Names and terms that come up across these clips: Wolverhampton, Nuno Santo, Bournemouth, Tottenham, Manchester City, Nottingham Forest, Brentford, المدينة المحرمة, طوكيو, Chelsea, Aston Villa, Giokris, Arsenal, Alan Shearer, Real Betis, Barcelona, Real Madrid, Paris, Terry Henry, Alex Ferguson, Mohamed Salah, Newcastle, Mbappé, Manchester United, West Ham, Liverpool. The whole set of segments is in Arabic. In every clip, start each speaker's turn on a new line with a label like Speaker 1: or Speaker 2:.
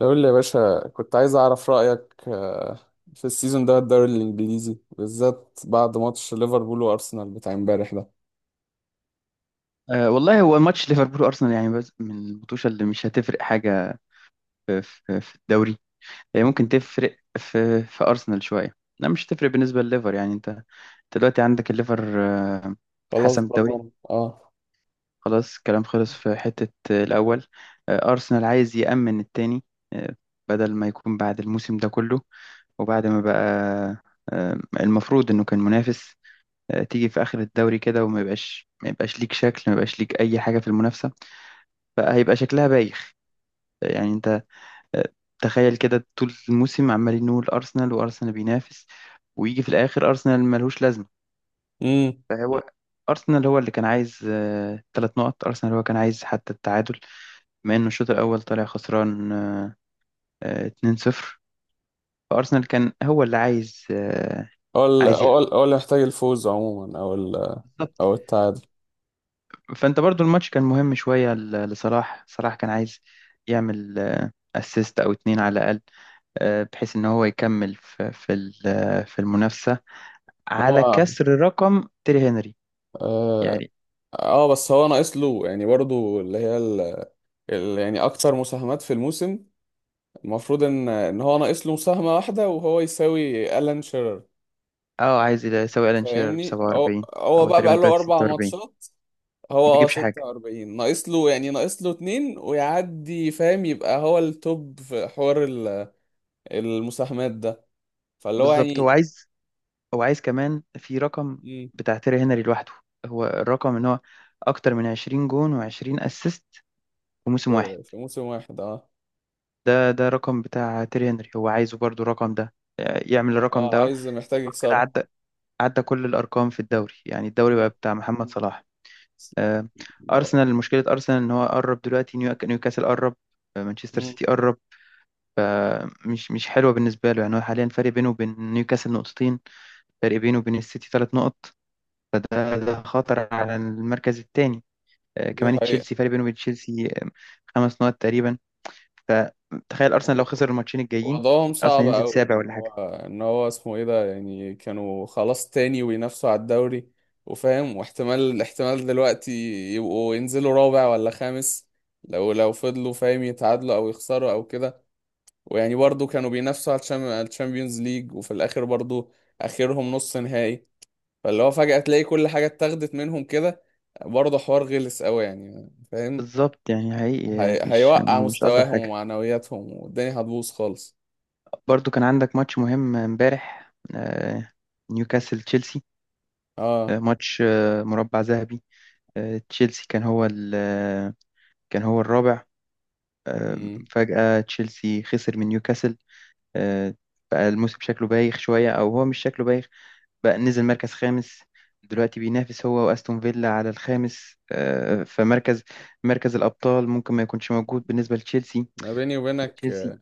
Speaker 1: قول لي يا باشا، كنت عايز أعرف رأيك في السيزون ده، الدوري الإنجليزي بالذات، بعد ماتش ليفربول وأرسنال بتاع امبارح ده.
Speaker 2: أه والله، هو ماتش ليفربول وارسنال يعني بس من البطوشه اللي مش هتفرق حاجه في الدوري. هي ممكن تفرق في ارسنال شويه. لا، مش هتفرق بالنسبه لليفر. يعني انت دلوقتي عندك الليفر،
Speaker 1: خلاص
Speaker 2: حسم الدوري.
Speaker 1: ضمان، اه.
Speaker 2: خلاص كلام خلص في حته، الاول. ارسنال عايز يامن التاني، آه، بدل ما يكون بعد الموسم ده كله وبعد ما بقى، المفروض انه كان منافس، تيجي في اخر الدوري كده وما يبقاش ما يبقاش ليك شكل، ما يبقاش ليك اي حاجه في المنافسه، فهيبقى شكلها بايخ. يعني انت، آه، تخيل كده طول الموسم عمالين نقول ارسنال وارسنال بينافس، ويجي في الاخر ارسنال ملهوش لازمه.
Speaker 1: امم.
Speaker 2: فهو ارسنال هو اللي كان عايز ثلاث نقط، ارسنال هو كان عايز حتى التعادل، بما انه الشوط الاول طالع خسران، 2-0. فارسنال كان هو اللي عايز، عايز يكسب.
Speaker 1: هو اللي محتاج الفوز عموما، أو
Speaker 2: بالظبط.
Speaker 1: أو التعادل.
Speaker 2: فانت برضو الماتش كان مهم شويه لصلاح. صلاح كان عايز يعمل اسيست او اتنين على الاقل، بحيث ان هو يكمل في المنافسه على
Speaker 1: هو
Speaker 2: كسر رقم تيري هنري
Speaker 1: اه
Speaker 2: يعني.
Speaker 1: بس هو ناقص له، يعني، برضو اللي هي يعني أكتر مساهمات في الموسم. المفروض إن هو ناقص له مساهمة واحدة وهو يساوي ألان شيرر.
Speaker 2: اه، عايز يساوي الان شيرر ب
Speaker 1: فاهمني، هو
Speaker 2: 47.
Speaker 1: هو
Speaker 2: هو
Speaker 1: بقى
Speaker 2: تقريبا
Speaker 1: بقى له
Speaker 2: دلوقتي
Speaker 1: أربع
Speaker 2: 46،
Speaker 1: ماتشات هو
Speaker 2: ما بيجيبش حاجه.
Speaker 1: 46 ناقص له، يعني ناقص له اتنين ويعدي، فاهم، يبقى هو التوب في حوار المساهمات ده. فاللي هو،
Speaker 2: بالظبط، هو
Speaker 1: يعني،
Speaker 2: عايز هو عايز كمان في رقم
Speaker 1: مم،
Speaker 2: بتاع تيري هنري لوحده. هو الرقم ان هو اكتر من 20 جون و20 اسيست في موسم واحد.
Speaker 1: في موسم واحد، اه.
Speaker 2: ده رقم بتاع تيري هنري، هو عايزه برضو الرقم ده، يعمل الرقم
Speaker 1: اه،
Speaker 2: ده.
Speaker 1: عايز محتاج
Speaker 2: يبقى كده
Speaker 1: يكسره.
Speaker 2: عدى، عدى كل الارقام في الدوري. يعني الدوري بقى
Speaker 1: مم.
Speaker 2: بتاع محمد صلاح. آه،
Speaker 1: لا.
Speaker 2: أرسنال، مشكلة أرسنال إن هو قرب دلوقتي. نيوكاسل قرب، مانشستر
Speaker 1: مم.
Speaker 2: سيتي قرب، مش حلوة بالنسبة له. يعني هو حاليا فرق بينه وبين نيوكاسل نقطتين، فرق بينه وبين السيتي ثلاث نقط، فده خطر على المركز الثاني.
Speaker 1: دي
Speaker 2: كمان
Speaker 1: حقيقة.
Speaker 2: تشيلسي، فرق بينه وبين تشيلسي، خمس نقط تقريبا. فتخيل أرسنال لو خسر الماتشين الجايين،
Speaker 1: وضعهم صعب
Speaker 2: أرسنال ينزل
Speaker 1: قوي،
Speaker 2: سابع
Speaker 1: ان
Speaker 2: ولا
Speaker 1: هو
Speaker 2: حاجة.
Speaker 1: ان هو اسمه ايه ده، يعني كانوا خلاص تاني وينافسوا على الدوري، وفاهم، واحتمال احتمال دلوقتي يبقوا ينزلوا رابع ولا خامس. لو فضلوا، فاهم، يتعادلوا او يخسروا او كده. ويعني برضو كانوا بينافسوا على على الشامبيونز ليج، وفي الاخر برضو اخرهم نص نهائي. فاللي هو فجأة تلاقي كل حاجة اتاخدت منهم كده، برضه حوار غلس قوي، يعني، فاهم.
Speaker 2: بالظبط، يعني حقيقي، مش
Speaker 1: هيوقع
Speaker 2: مش ألطف
Speaker 1: مستواهم
Speaker 2: حاجة.
Speaker 1: ومعنوياتهم والدنيا هتبوظ خالص.
Speaker 2: برضو كان عندك ماتش مهم امبارح، نيوكاسل تشيلسي،
Speaker 1: اه،
Speaker 2: ماتش، مربع ذهبي. تشيلسي كان هو ال- آه، كان هو الرابع، آه، فجأة تشيلسي خسر من نيوكاسل، آه، بقى الموسم شكله بايخ شوية. أو هو مش شكله بايخ، بقى نزل مركز خامس. دلوقتي بينافس هو وأستون فيلا على الخامس، فمركز الأبطال ممكن ما يكونش موجود بالنسبة لتشيلسي.
Speaker 1: انا بيني وبينك.
Speaker 2: تشيلسي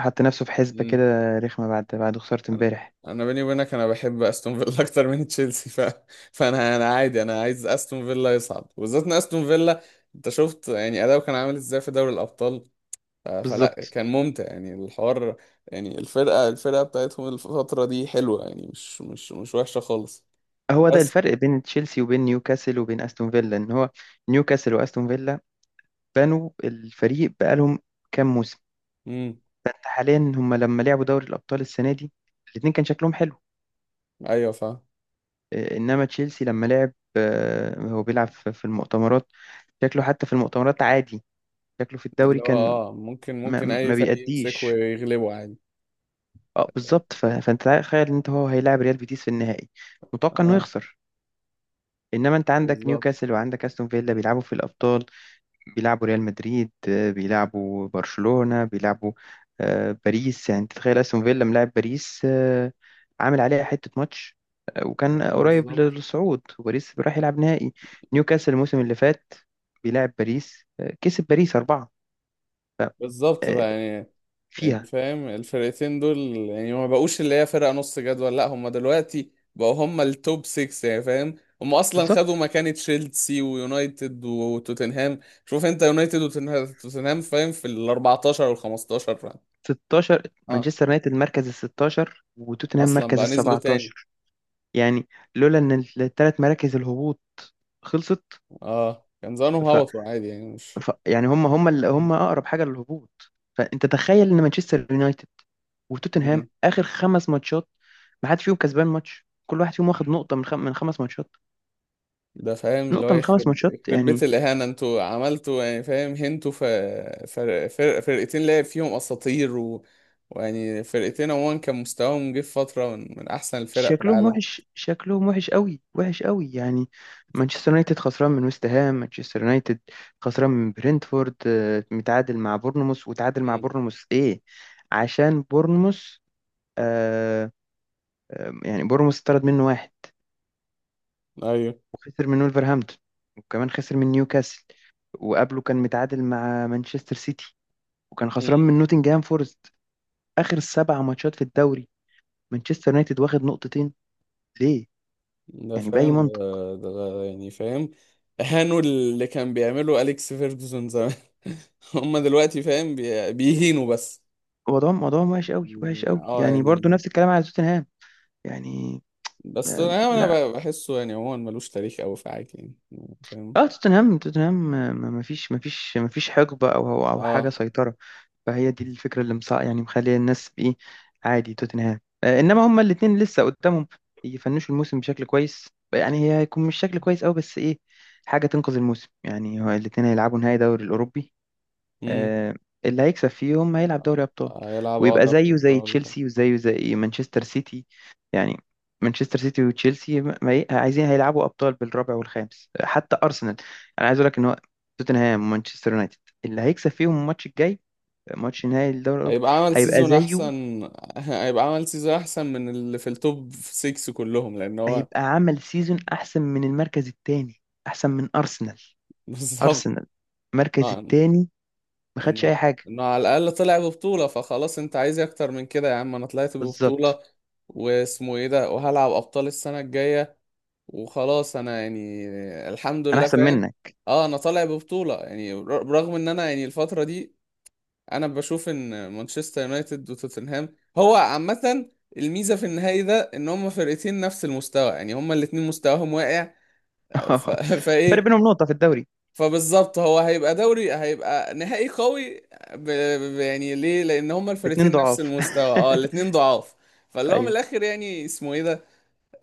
Speaker 2: حط نفسه في حسبة
Speaker 1: امم.
Speaker 2: كده رخمة بعد خسارة
Speaker 1: انا
Speaker 2: امبارح.
Speaker 1: أنا بيني وبينك، انا بحب استون فيلا اكتر من تشيلسي، فانا عادي، انا عايز استون فيلا يصعد، وبالذات ان استون فيلا انت شفت، يعني، اداؤه كان عامل ازاي في دوري الابطال. فلا،
Speaker 2: بالظبط.
Speaker 1: كان ممتع يعني الحوار. يعني الفرقه بتاعتهم الفتره دي حلوه، يعني مش وحشه خالص،
Speaker 2: هو ده
Speaker 1: بس.
Speaker 2: الفرق بين تشيلسي وبين نيوكاسل وبين أستون فيلا. إن هو نيوكاسل وأستون فيلا بنوا الفريق بقالهم كام موسم.
Speaker 1: امم.
Speaker 2: فانت حاليا هم لما لعبوا دوري الابطال السنه دي، الاتنين كان شكلهم حلو،
Speaker 1: ايوه، فاهم.
Speaker 2: انما تشيلسي لما لعب، هو بيلعب في المؤتمرات، شكله حتى في المؤتمرات عادي، شكله في الدوري
Speaker 1: اللي هو،
Speaker 2: كان
Speaker 1: ممكن
Speaker 2: ما,
Speaker 1: اي
Speaker 2: ما
Speaker 1: فريق يمسكه
Speaker 2: بيأديش.
Speaker 1: ويغلبه عادي.
Speaker 2: اه بالظبط. فانت تخيل ان انت هو هيلاعب ريال بيتيس في النهائي، متوقع انه
Speaker 1: اه،
Speaker 2: يخسر. انما انت عندك
Speaker 1: بالظبط،
Speaker 2: نيوكاسل وعندك استون فيلا بيلعبوا في الابطال، بيلعبوا ريال مدريد، بيلعبوا برشلونة، بيلعبوا باريس. يعني تتخيل استون فيلا ملاعب باريس، عامل عليها حتة ماتش، وكان قريب
Speaker 1: بالظبط،
Speaker 2: للصعود، وباريس راح يلعب نهائي. نيوكاسل الموسم اللي فات بيلعب باريس، كسب باريس أربعة.
Speaker 1: بالظبط.
Speaker 2: آه،
Speaker 1: بقى، يعني،
Speaker 2: فيها.
Speaker 1: فاهم الفرقتين دول، يعني ما بقوش اللي هي فرقة نص جدول، لا، هم دلوقتي بقوا هم التوب 6، يعني، فاهم. هم اصلا خدوا
Speaker 2: بالظبط.
Speaker 1: مكان تشيلسي ويونايتد وتوتنهام. شوف انت، يونايتد وتوتنهام، فاهم، في ال 14 وال 15، فاهم؟
Speaker 2: 16.
Speaker 1: اه،
Speaker 2: مانشستر يونايتد مركز ال 16، وتوتنهام
Speaker 1: اصلا
Speaker 2: مركز
Speaker 1: بقى
Speaker 2: ال
Speaker 1: نزلوا تاني.
Speaker 2: 17. يعني لولا ان الثلاث مراكز الهبوط خلصت.
Speaker 1: اه، كان زمانهم هبطوا عادي، يعني، مش.
Speaker 2: ف يعني هم اقرب حاجه للهبوط. فانت تخيل ان مانشستر يونايتد وتوتنهام
Speaker 1: مم.
Speaker 2: اخر خمس ماتشات، ما حدش فيهم كسبان ماتش. كل واحد فيهم واخد نقطه من خمس ماتشات.
Speaker 1: ده، فاهم، اللي هو
Speaker 2: نقطه من خمس
Speaker 1: يخرب
Speaker 2: ماتشات،
Speaker 1: يخرب بيت
Speaker 2: يعني.
Speaker 1: الإهانة انتوا عملتوا، يعني، فاهم، هنتوا. فرقتين لعب فيهم أساطير، ويعني فرقتين عموما كان مستواهم جه في فترة من أحسن الفرق في العالم.
Speaker 2: شكلهم وحش قوي، وحش قوي يعني. مانشستر يونايتد خسران من ويست هام، مانشستر يونايتد خسران من برينتفورد، متعادل مع بورنموث، وتعادل مع
Speaker 1: مم.
Speaker 2: بورنموث ايه عشان بورنموث آه يعني بورنموث اتطرد منه واحد،
Speaker 1: أيوه.
Speaker 2: وخسر من ولفرهامبتون، وكمان خسر من نيوكاسل، وقبله كان متعادل مع مانشستر سيتي، وكان
Speaker 1: مم.
Speaker 2: خسران من نوتنجهام فورست. آخر سبع ماتشات في الدوري مانشستر يونايتد واخد نقطتين. ليه؟
Speaker 1: ده،
Speaker 2: يعني بأي
Speaker 1: فاهم.
Speaker 2: منطق.
Speaker 1: ده، يعني، فاهم. أهانوا اللي كان بيعمله أليكس فيرجسون زمان. هما دلوقتي، فاهم، بيهينوا بس.
Speaker 2: وضعهم وحش قوي، وحش قوي
Speaker 1: اه،
Speaker 2: يعني. برضو
Speaker 1: يعني،
Speaker 2: نفس الكلام على توتنهام يعني.
Speaker 1: بس انا
Speaker 2: لا،
Speaker 1: انا بحسه، يعني، عموما ملوش تاريخ قوي في حاجه، يعني، فاهم.
Speaker 2: اه. توتنهام، ما فيش حقبة او او أو حاجة
Speaker 1: اه.
Speaker 2: سيطرة. فهي دي الفكرة اللي مصع يعني مخلية الناس بإيه عادي توتنهام. إنما هما الاتنين لسه قدامهم يفنشوا الموسم بشكل كويس. يعني هي هيكون مش شكل كويس أوي، بس إيه، حاجة تنقذ الموسم. يعني هو الاتنين هيلعبوا نهائي دوري الأوروبي،
Speaker 1: امم.
Speaker 2: آه، اللي هيكسب فيهم هيلعب دوري أبطال،
Speaker 1: هيلعب
Speaker 2: ويبقى
Speaker 1: دوري
Speaker 2: زيه زي
Speaker 1: الابطال.
Speaker 2: تشيلسي، وزيه زي مانشستر سيتي يعني. مانشستر سيتي وتشيلسي عايزين هيلعبوا أبطال بالرابع والخامس، حتى أرسنال. أنا عايز أقول لك إن هو توتنهام ومانشستر يونايتد اللي هيكسب فيهم الماتش الجاي، ماتش نهائي الدوري الاوروبي،
Speaker 1: هيبقى عمل
Speaker 2: هيبقى
Speaker 1: سيزون
Speaker 2: زيه،
Speaker 1: احسن هيبقى عمل سيزون احسن من اللي في التوب 6 كلهم، لان هو.
Speaker 2: هيبقى عمل سيزون احسن من المركز الثاني، احسن من ارسنال.
Speaker 1: بالظبط.
Speaker 2: ارسنال المركز
Speaker 1: نعم.
Speaker 2: الثاني ما خدش
Speaker 1: انه
Speaker 2: اي حاجه.
Speaker 1: انه على الاقل طلع ببطولة، فخلاص، انت عايز إيه اكتر من كده يا عم، انا طلعت ببطولة
Speaker 2: بالظبط،
Speaker 1: واسمه ايه ده، وهلعب ابطال السنة الجاية، وخلاص انا، يعني، الحمد
Speaker 2: انا
Speaker 1: لله،
Speaker 2: احسن
Speaker 1: فاهم.
Speaker 2: منك.
Speaker 1: اه، انا طالع ببطولة، يعني، برغم ان انا، يعني، الفترة دي انا بشوف ان مانشستر يونايتد وتوتنهام هو عامه. الميزه في النهائي ده ان هما فرقتين نفس المستوى، يعني هما الاتنين مستواهم واقع. ف...
Speaker 2: فرق
Speaker 1: فايه.
Speaker 2: بينهم نقطه في الدوري.
Speaker 1: فبالظبط، هو هيبقى نهائي قوي. ب... يعني ليه؟ لان هما
Speaker 2: باتنين
Speaker 1: الفرقتين نفس
Speaker 2: ضعاف.
Speaker 1: المستوى، اه الاتنين ضعاف. فاللي هو من
Speaker 2: ايوه.
Speaker 1: الاخر، يعني، اسمه ايه ده،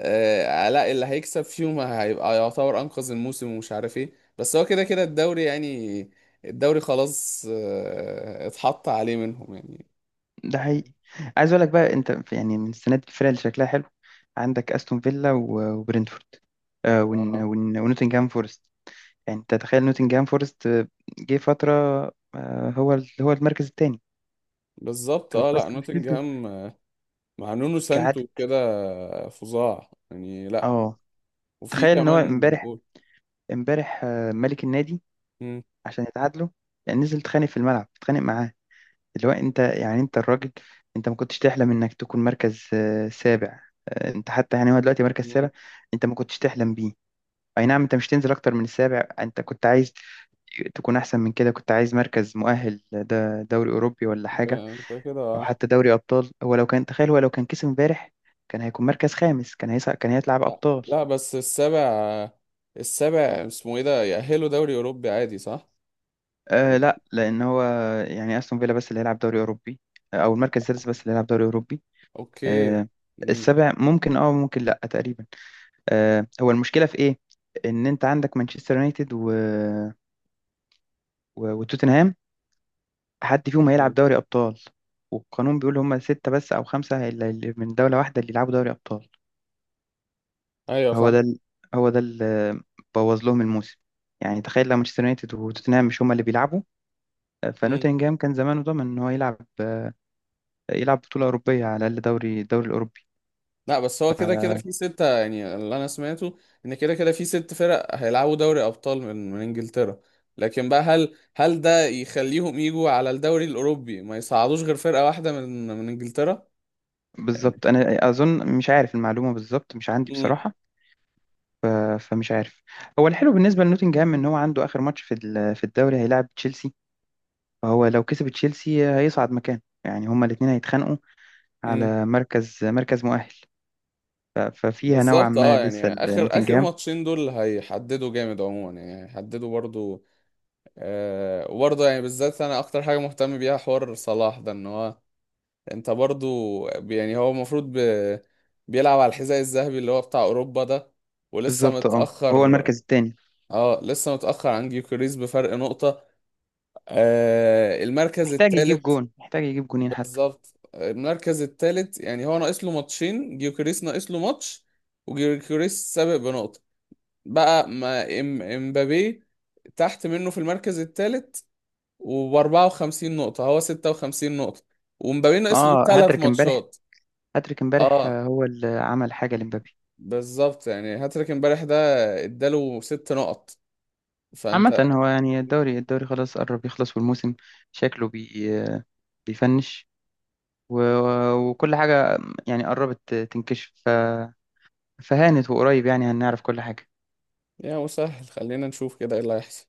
Speaker 1: علاء، اللي هيكسب فيهم هيبقى يعتبر انقذ الموسم ومش عارف ايه. بس هو كده كده الدوري، يعني، الدوري خلاص، اتحط عليه منهم، يعني.
Speaker 2: ده حقيقي. عايز اقول لك بقى انت يعني من السنه دي الفرق اللي شكلها حلو عندك استون فيلا وبرنتفورد،
Speaker 1: اه،
Speaker 2: ونوتنجهام فورست. يعني انت تخيل نوتنجهام فورست، جه فتره، هو المركز الثاني.
Speaker 1: بالظبط.
Speaker 2: هو
Speaker 1: اه،
Speaker 2: بس
Speaker 1: لا،
Speaker 2: مشكلته
Speaker 1: نوتنجهام مع نونو
Speaker 2: كعادة.
Speaker 1: سانتو كده فظاع، يعني، لا.
Speaker 2: اه،
Speaker 1: وفي
Speaker 2: تخيل ان هو
Speaker 1: كمان
Speaker 2: امبارح.
Speaker 1: قول.
Speaker 2: امبارح، ملك النادي
Speaker 1: مم،
Speaker 2: عشان يتعادلوا. يعني نزل اتخانق في الملعب، اتخانق معاه. اللي هو انت يعني، انت الراجل، انت ما كنتش تحلم انك تكون مركز، سابع. انت حتى يعني هو دلوقتي مركز
Speaker 1: مم،
Speaker 2: سابع، انت ما كنتش تحلم بيه. اي نعم، انت مش تنزل اكتر من السابع. انت كنت عايز تكون احسن من كده، كنت عايز مركز مؤهل ده دوري اوروبي ولا
Speaker 1: انت
Speaker 2: حاجه،
Speaker 1: انت كده
Speaker 2: او
Speaker 1: آه.
Speaker 2: حتى دوري ابطال. هو لو كان، تخيل هو لو كان كسب امبارح كان هيكون مركز خامس، كان هيسع، كان هيطلع
Speaker 1: لا،
Speaker 2: بابطال.
Speaker 1: لا، بس السابع، السابع اسمه ايه ده يأهله دوري اوروبي عادي، صح؟
Speaker 2: آه لا، لان هو يعني استون فيلا بس اللي هيلعب دوري اوروبي، او المركز السادس بس اللي هيلعب دوري اوروبي.
Speaker 1: اوكي.
Speaker 2: آه.
Speaker 1: مم.
Speaker 2: السابع ممكن، اه ممكن لا تقريبا. آه هو المشكله في ايه، ان انت عندك مانشستر يونايتد وتوتنهام، حد فيهم هيلعب
Speaker 1: مم.
Speaker 2: دوري ابطال. والقانون بيقول هم ستة بس او خمسة اللي من دولة واحدة اللي يلعبوا دوري ابطال.
Speaker 1: ايوه،
Speaker 2: هو
Speaker 1: صح.
Speaker 2: ده ال... هو ده اللي بوظ لهم الموسم. يعني تخيل لو مانشستر يونايتد وتوتنهام مش هما اللي بيلعبوا، فنوتنجهام كان زمانه ضامن ان هو يلعب، يلعب بطولة أوروبية على الأقل، الدوري الأوروبي.
Speaker 1: لا، بس هو كده كده
Speaker 2: آه،
Speaker 1: في 6، يعني اللي أنا سمعته إن كده كده في 6 فرق هيلعبوا دوري أبطال من إنجلترا. لكن بقى، هل ده يخليهم يجوا على الدوري الأوروبي ما يصعدوش غير فرقة واحدة من إنجلترا؟ يعني.
Speaker 2: بالظبط. أنا أظن مش عارف المعلومة بالظبط، مش عندي
Speaker 1: امم.
Speaker 2: بصراحة. فمش عارف. هو الحلو بالنسبة لنوتنجهام إن هو عنده آخر ماتش في الدوري هيلعب تشيلسي. فهو لو كسب تشيلسي هيصعد مكان. يعني هما الاتنين هيتخانقوا
Speaker 1: امم.
Speaker 2: على مركز مؤهل. ففيها نوعا
Speaker 1: بالظبط.
Speaker 2: ما
Speaker 1: اه،
Speaker 2: لسه
Speaker 1: يعني، آخر آخر
Speaker 2: نوتنجهام.
Speaker 1: ماتشين دول هيحددوا جامد عموما، يعني هيحددوا برضو. آه، وبرضو، يعني، بالذات أنا أكتر حاجة مهتم بيها حوار صلاح ده، إن هو انت برضو، يعني، هو المفروض بيلعب على الحذاء الذهبي اللي هو بتاع اوروبا ده، ولسه
Speaker 2: بالظبط، اه، هو
Speaker 1: متأخر.
Speaker 2: المركز التاني،
Speaker 1: اه، لسه متأخر عن جيوكريس بفرق نقطة. آه، المركز
Speaker 2: محتاج يجيب
Speaker 1: الثالث.
Speaker 2: جون، محتاج يجيب جونين حتى.
Speaker 1: بالظبط، المركز الثالث، يعني هو ناقص له ماتشين، جيوكريس ناقص له ماتش، وجيوكريس سابق بنقطة. بقى ما امبابي تحت منه في المركز الثالث، وب 54 نقطة، هو 56 نقطة، ومبابي ناقص له
Speaker 2: اه
Speaker 1: ثلاث
Speaker 2: هاتريك امبارح،
Speaker 1: ماتشات
Speaker 2: هاتريك امبارح،
Speaker 1: اه،
Speaker 2: هو اللي عمل حاجة لمبابي.
Speaker 1: بالظبط، يعني هاتريك امبارح ده اداله 6 نقط.
Speaker 2: عامة
Speaker 1: فانت.
Speaker 2: هو يعني الدوري خلاص قرب يخلص، والموسم شكله بيفنش، و... وكل حاجة يعني قربت تنكشف. فهانت وقريب يعني هنعرف كل حاجة.
Speaker 1: يا مسهل، خلينا نشوف كده ايه اللي هيحصل.